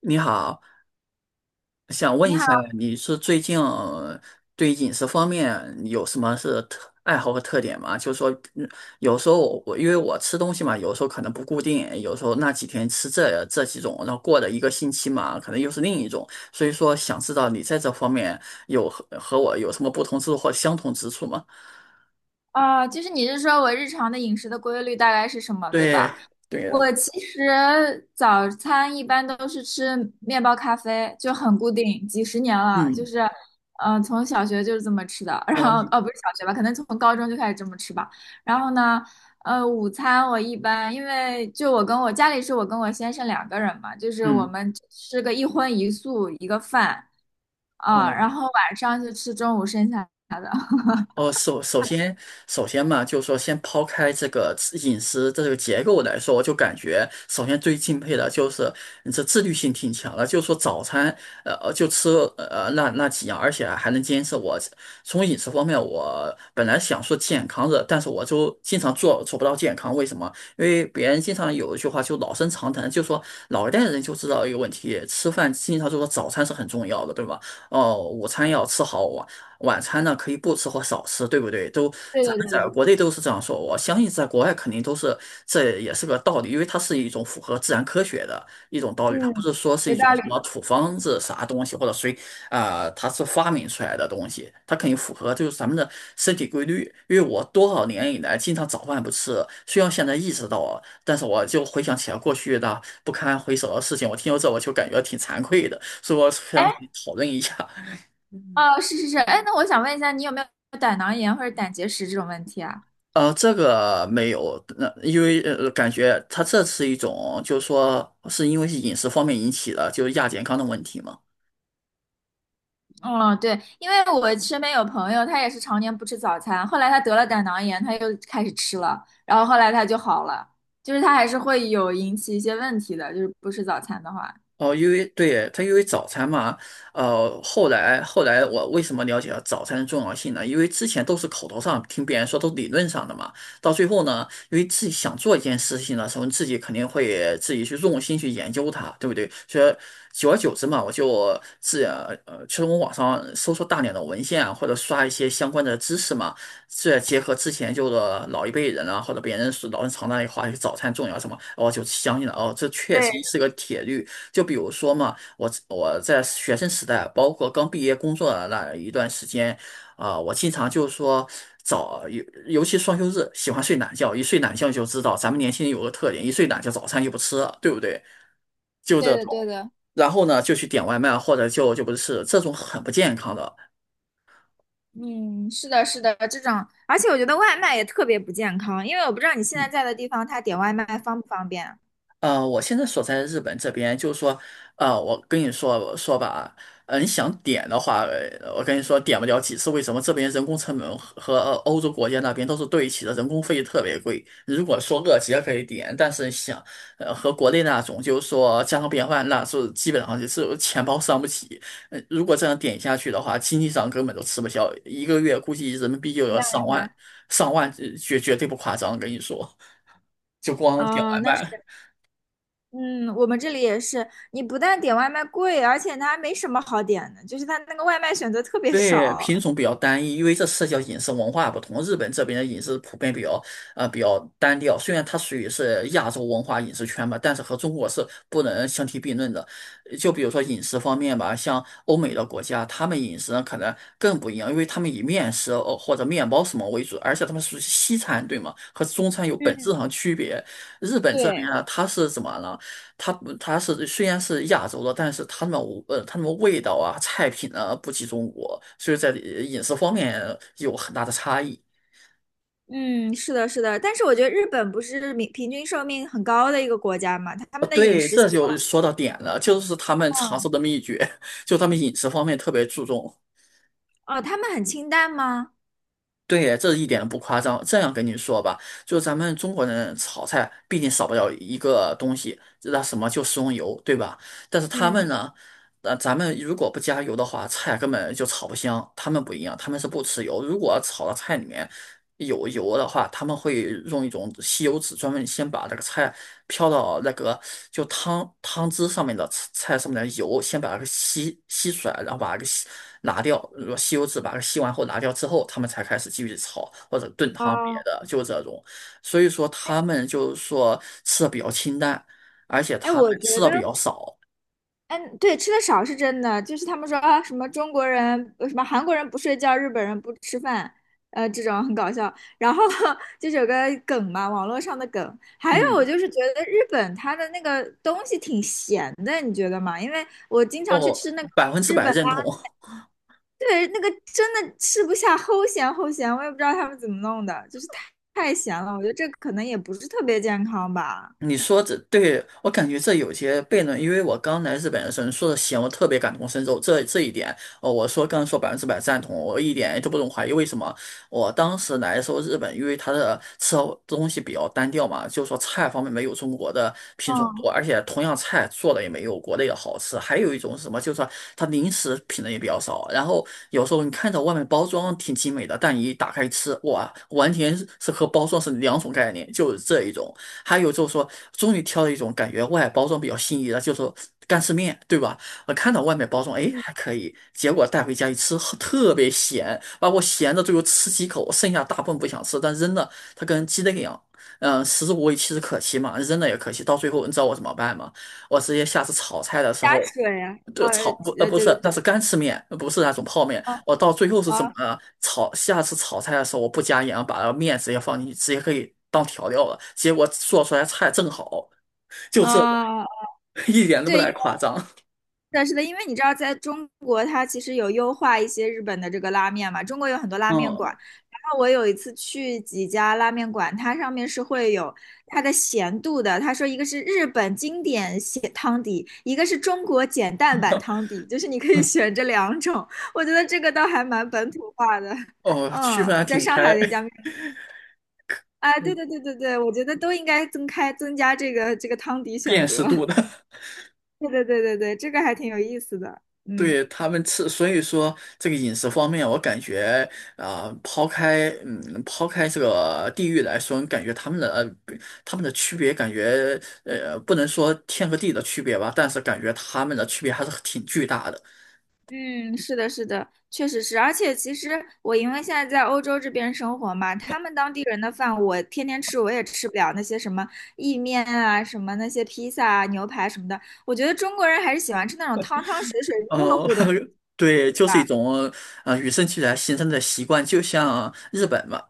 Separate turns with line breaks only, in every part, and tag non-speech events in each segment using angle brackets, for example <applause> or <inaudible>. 你好，想问
你
一
好。
下，你是最近对饮食方面有什么是特爱好和特点吗？就是说，嗯有时候我因为我吃东西嘛，有时候可能不固定，有时候那几天吃这几种，然后过了一个星期嘛，可能又是另一种。所以说，想知道你在这方面有和我有什么不同之处或相同之处吗？
啊，就是你是说我日常的饮食的规律大概是什么，对
对，
吧？
对的，
我其实早餐一般都是吃面包咖啡，就很固定，几十年了，就
嗯，
是，嗯，从小学就是这么吃的，<laughs> 然
哦，
后，哦，不是小学吧，可能从高中就开始这么吃吧。然后呢，午餐我一般因为就我跟我家里是我跟我先生两个人嘛，就是我
嗯，
们吃个一荤一素一个饭啊，
哦。
然后晚上就吃中午剩下的。<laughs>
哦，首先，首先嘛，就是说，先抛开这个饮食这个结构来说，我就感觉，首先最敬佩的就是你这自律性挺强的，就是说早餐，就吃那几样，而且还能坚持我。从饮食方面，我本来想说健康的，但是我就经常做不到健康，为什么？因为别人经常有一句话就老生常谈，就说老一代人就知道一个问题，吃饭经常就说早餐是很重要的，对吧？哦，午餐要吃好，晚餐呢可以不吃或少吃，对不对？都
对
咱
对对
们
对
在
对。
国内都是这样说，我相信在国外肯定都是，这也是个道理，因为它是一种符合自然科学的一种道理，它不
嗯，
是说是
有
一种
道
什么
理。
土方子啥东西或者谁啊、它是发明出来的东西，它肯定符合就是咱们的身体规律。因为我多少年以来经常早饭不吃，虽然现在意识到啊，但是我就回想起来过去的不堪回首的事情，我听到这我就感觉挺惭愧的，所以我
哎，
想讨论一下。
哦，是是是，哎，那我想问一下，你有没有胆囊炎或者胆结石这种问题啊？
这个没有，那、因为感觉它这是一种，就是说，是因为是饮食方面引起的，就是亚健康的问题嘛。
嗯，对，因为我身边有朋友，他也是常年不吃早餐，后来他得了胆囊炎，他又开始吃了，然后后来他就好了，就是他还是会有引起一些问题的，就是不吃早餐的话。
哦，因为对耶，它因为早餐嘛，后来我为什么了解到早餐的重要性呢？因为之前都是口头上听别人说，都理论上的嘛。到最后呢，因为自己想做一件事情的时候，自己肯定会自己去用心去研究它，对不对？所以久而久之嘛，我就其实我网上搜索大量的文献啊，或者刷一些相关的知识嘛，再结合之前就是老一辈人啊，或者别人说老人常那里话，早餐重要什么，哦我就相信了哦，这确实
对，
是个铁律。就比如说嘛，我在学生时代，包括刚毕业工作的那一段时间，啊、我经常就说尤其双休日，喜欢睡懒觉，一睡懒觉就知道咱们年轻人有个特点，一睡懒觉早餐就不吃了，对不对？就
对
这
的，
种。
对的。
然后呢，就去点外卖，或者就不是这种很不健康的。
嗯，是的，是的，这种。而且我觉得外卖也特别不健康，因为我不知道你现在在的地方，他点外卖方不方便啊？
我现在所在的日本这边，就是说，我跟你说说吧，你想点的话，我跟你说点不了几次。为什么这边人工成本和欧洲国家那边都是对齐的，人工费特别贵。如果说热结可以点，但是想，和国内那种就是说家常便饭，那是基本上就是钱包伤不起。如果这样点下去的话，经济上根本都吃不消，一个月估计人民币就
明
要
白，
上
明
万，
白。
上万，绝对不夸张，跟你说，<laughs> 就光点
哦，
外
那是。
卖。
嗯，我们这里也是，你不但点外卖贵，而且它还没什么好点的，就是它那个外卖选择特别
对，品
少。
种比较单一，因为这涉及到饮食文化不同。日本这边的饮食普遍比较比较单调，虽然它属于是亚洲文化饮食圈吧，但是和中国是不能相提并论的。就比如说饮食方面吧，像欧美的国家，他们饮食呢可能更不一样，因为他们以面食或者面包什么为主，而且他们属于西餐，对吗？和中餐有本
嗯，
质上区别。日本这边
对。
呢，它是怎么了？它它是虽然是亚洲的，但是他们味道啊菜品啊不及中国，所以在饮食方面有很大的差异。
嗯，是的，是的，但是我觉得日本不是平平均寿命很高的一个国家嘛，他
啊，
们的饮
对，
食
这
习惯，
就说到点了，就是他们长
嗯
寿的秘诀，<laughs> 就他们饮食方面特别注重。
哦，他们很清淡吗？
对耶这一点都不夸张。这样跟你说吧，就咱们中国人炒菜，毕竟少不了一个东西，那什么就食用油，对吧？但是他们
嗯，
呢，咱们如果不加油的话，菜根本就炒不香。他们不一样，他们是不吃油。如果炒到菜里面有油的话，他们会用一种吸油纸，专门先把那个菜飘到那个就汤汁上面的菜上面的油，先把它给吸出来，然后把它给拿掉。如果吸油纸把它吸完后拿掉之后，他们才开始继续炒或者炖汤别
哦，
的，就这种。所以说他们就是说吃的比较清淡，而且
哎，
他们
我
吃
觉得，
的比较少。
嗯，对，吃的少是真的，就是他们说啊，什么中国人，什么韩国人不睡觉，日本人不吃饭，这种很搞笑。然后 <laughs> 就是有个梗嘛，网络上的梗。还有，我
嗯，
就是觉得日本它的那个东西挺咸的，你觉得吗？因为我经常去
哦，
吃那个
百分之
日
百
本
认
啊。
同。
对，那个真的吃不下，齁咸齁咸，我也不知道他们怎么弄的，就是太咸了。我觉得这可能也不是特别健康吧。
你说这对我感觉这有些悖论，因为我刚来日本的时候，你说的行，我特别感同身受。这一点，哦，我说刚刚说百分之百赞同，我一点都不用怀疑。为什么？我当时来的时候，日本因为它的吃东西比较单调嘛，就是说菜方面没有中国的品种
嗯
多，而且同样菜做的也没有国内的好吃。还有一种是什么，就是说它零食品类也比较少。然后有时候你看着外面包装挺精美的，但你一打开吃，哇，完全是和包装是两种概念，就是这一种。还有就是说，终于挑了一种感觉外包装比较心仪的，就是说干丝面，对吧？我看到外面包装，哎，
嗯，
还可以，结果带回家一吃，呵特别咸，把我咸的最后吃几口，剩下大部分不想吃，但扔了，它跟鸡蛋一样。嗯，食之无味，弃之可惜嘛，扔了也可惜。到最后，你知道我怎么办吗？我直接下次炒菜的时
加
候。
水啊，
这个炒不呃
对
不
对
是，那
对，
是干吃面，不是那种泡面。
嗯
我到最后是怎
啊。
么炒？下次炒菜的时候我不加盐，把那个面直接放进去，直接可以当调料了。结果做出来菜正好，就这个，
啊，
<laughs> 一点都不
对，
带
因
夸张。
为是的，因为你知道，在中国它其实有优化一些日本的这个拉面嘛，中国有很多拉面
嗯，
馆。然后我有一次去几家拉面馆，它上面是会有它的咸度的。他说一个是日本经典咸汤底，一个是中国简淡版汤
<laughs>
底，就是你可以选这两种。我觉得这个倒还蛮本土化的。
哦，区分
嗯，
还
在
挺
上海
开，
的一家面，
<laughs>
啊，对对对对对，我觉得都应该增开增加这个汤底选
辨
择。
识度的。
对对对对对，这个还挺有意思的。嗯。
对他们吃，所以说这个饮食方面，我感觉啊、抛开这个地域来说，感觉他们的区别，感觉不能说天和地的区别吧，但是感觉他们的区别还是挺巨大的。
嗯，是的，是的，确实是。而且其实我因为现在在欧洲这边生活嘛，他们当地人的饭我天天吃，我也吃不了那些什么意面啊、什么那些披萨啊、牛排什么的。我觉得中国人还是喜欢吃那种汤汤水水、热
哦，
乎的东
<laughs>
西
对，
对
就是
吧。
一种啊、与生俱来形成的习惯，就像日本嘛，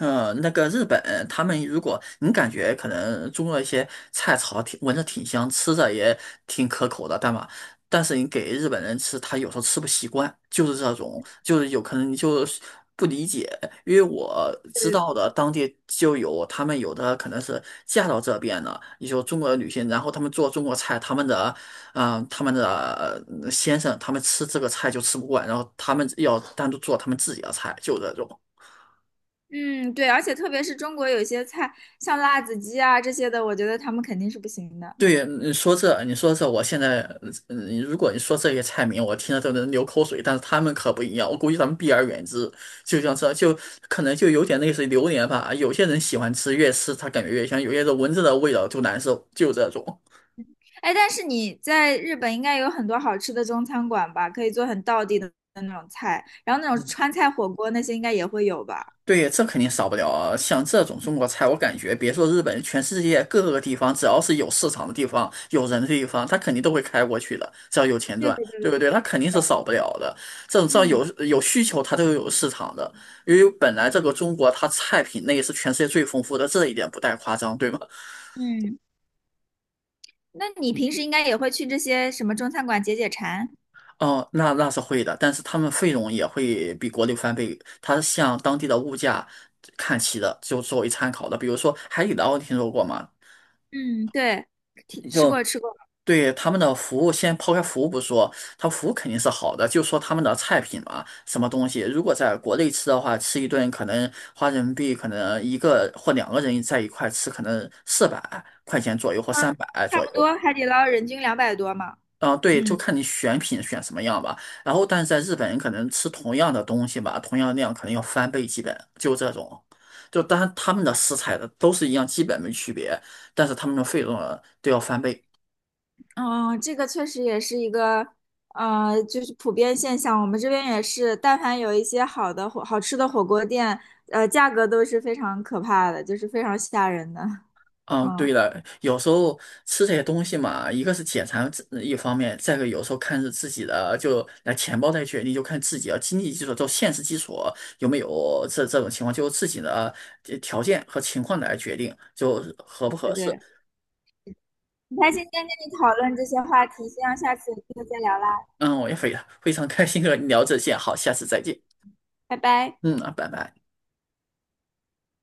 那个日本他们如果你感觉可能中国一些菜炒挺闻着挺香，吃着也挺可口的，但是你给日本人吃，他有时候吃不习惯，就是这种，就是有可能你就是不理解，因为我知
对
道的当地就有他们有的可能是嫁到这边的，也就中国的女性，然后他们做中国菜，他们的。啊，他们的先生他们吃这个菜就吃不惯，然后他们要单独做他们自己的菜，就这种。
嗯，对，而且特别是中国有些菜，像辣子鸡啊这些的，我觉得他们肯定是不行的。
对，你说这，我现在，如果你说这些菜名，我听着都能流口水，但是他们可不一样，我估计他们避而远之。就像这就可能就有点类似于榴莲吧，有些人喜欢吃，越吃他感觉越香，有些人闻着的味道就难受，就这种。
哎，但是你在日本应该有很多好吃的中餐馆吧？可以做很道地的那种菜，然后那种川菜火锅那些应该也会有吧？
对，这肯定少不了啊。像这种中国菜，我感觉别说日本，全世界各个地方，只要是有市场的地方、有人的地方，他肯定都会开过去的，只要有钱
对
赚，
对对
对不
对，
对？他
是
肯定是
的。
少不了的。这种只要有
嗯
有需求，它都有市场的。因为本来这个中国，它菜品类是全世界最丰富的，这一点不带夸张，对吗？
嗯，那你平时应该也会去这些什么中餐馆解解馋？
哦，那是会的，但是他们费用也会比国内翻倍，它向当地的物价看齐的，就作为参考的。比如说海底捞，听说过吗？
嗯，对，吃吃
就
过吃过。
对他们的服务，先抛开服务不说，他服务肯定是好的，就说他们的菜品嘛，什么东西，如果在国内吃的话，吃一顿可能花人民币可能一个或两个人在一块吃，可能400块钱左右或三
嗯，
百
差
左
不
右。
多海底捞人均200多嘛。
啊，对，就
嗯。
看你选品选什么样吧。然后，但是在日本人可能吃同样的东西吧，同样量可能要翻倍，基本就这种。就当然他们的食材的都是一样，基本没区别，但是他们的费用啊都要翻倍。
嗯，这个确实也是一个，就是普遍现象。我们这边也是，但凡有一些好的火、好吃的火锅店，价格都是非常可怕的，就是非常吓人的。
嗯，
嗯，
对了，有时候吃这些东西嘛，一个是解馋自一方面，再一个有时候看是自己的，就来钱包来决定，就看自己的经济基础，就现实基础有没有这种情况，就是自己的条件和情况来决定，就是合不
对
合适。
对。很开心今天跟你讨论这些话题，希望下次有机会再聊啦，
嗯，我也非常开心和你聊这些，好，下次再见。
拜拜。
嗯，拜拜。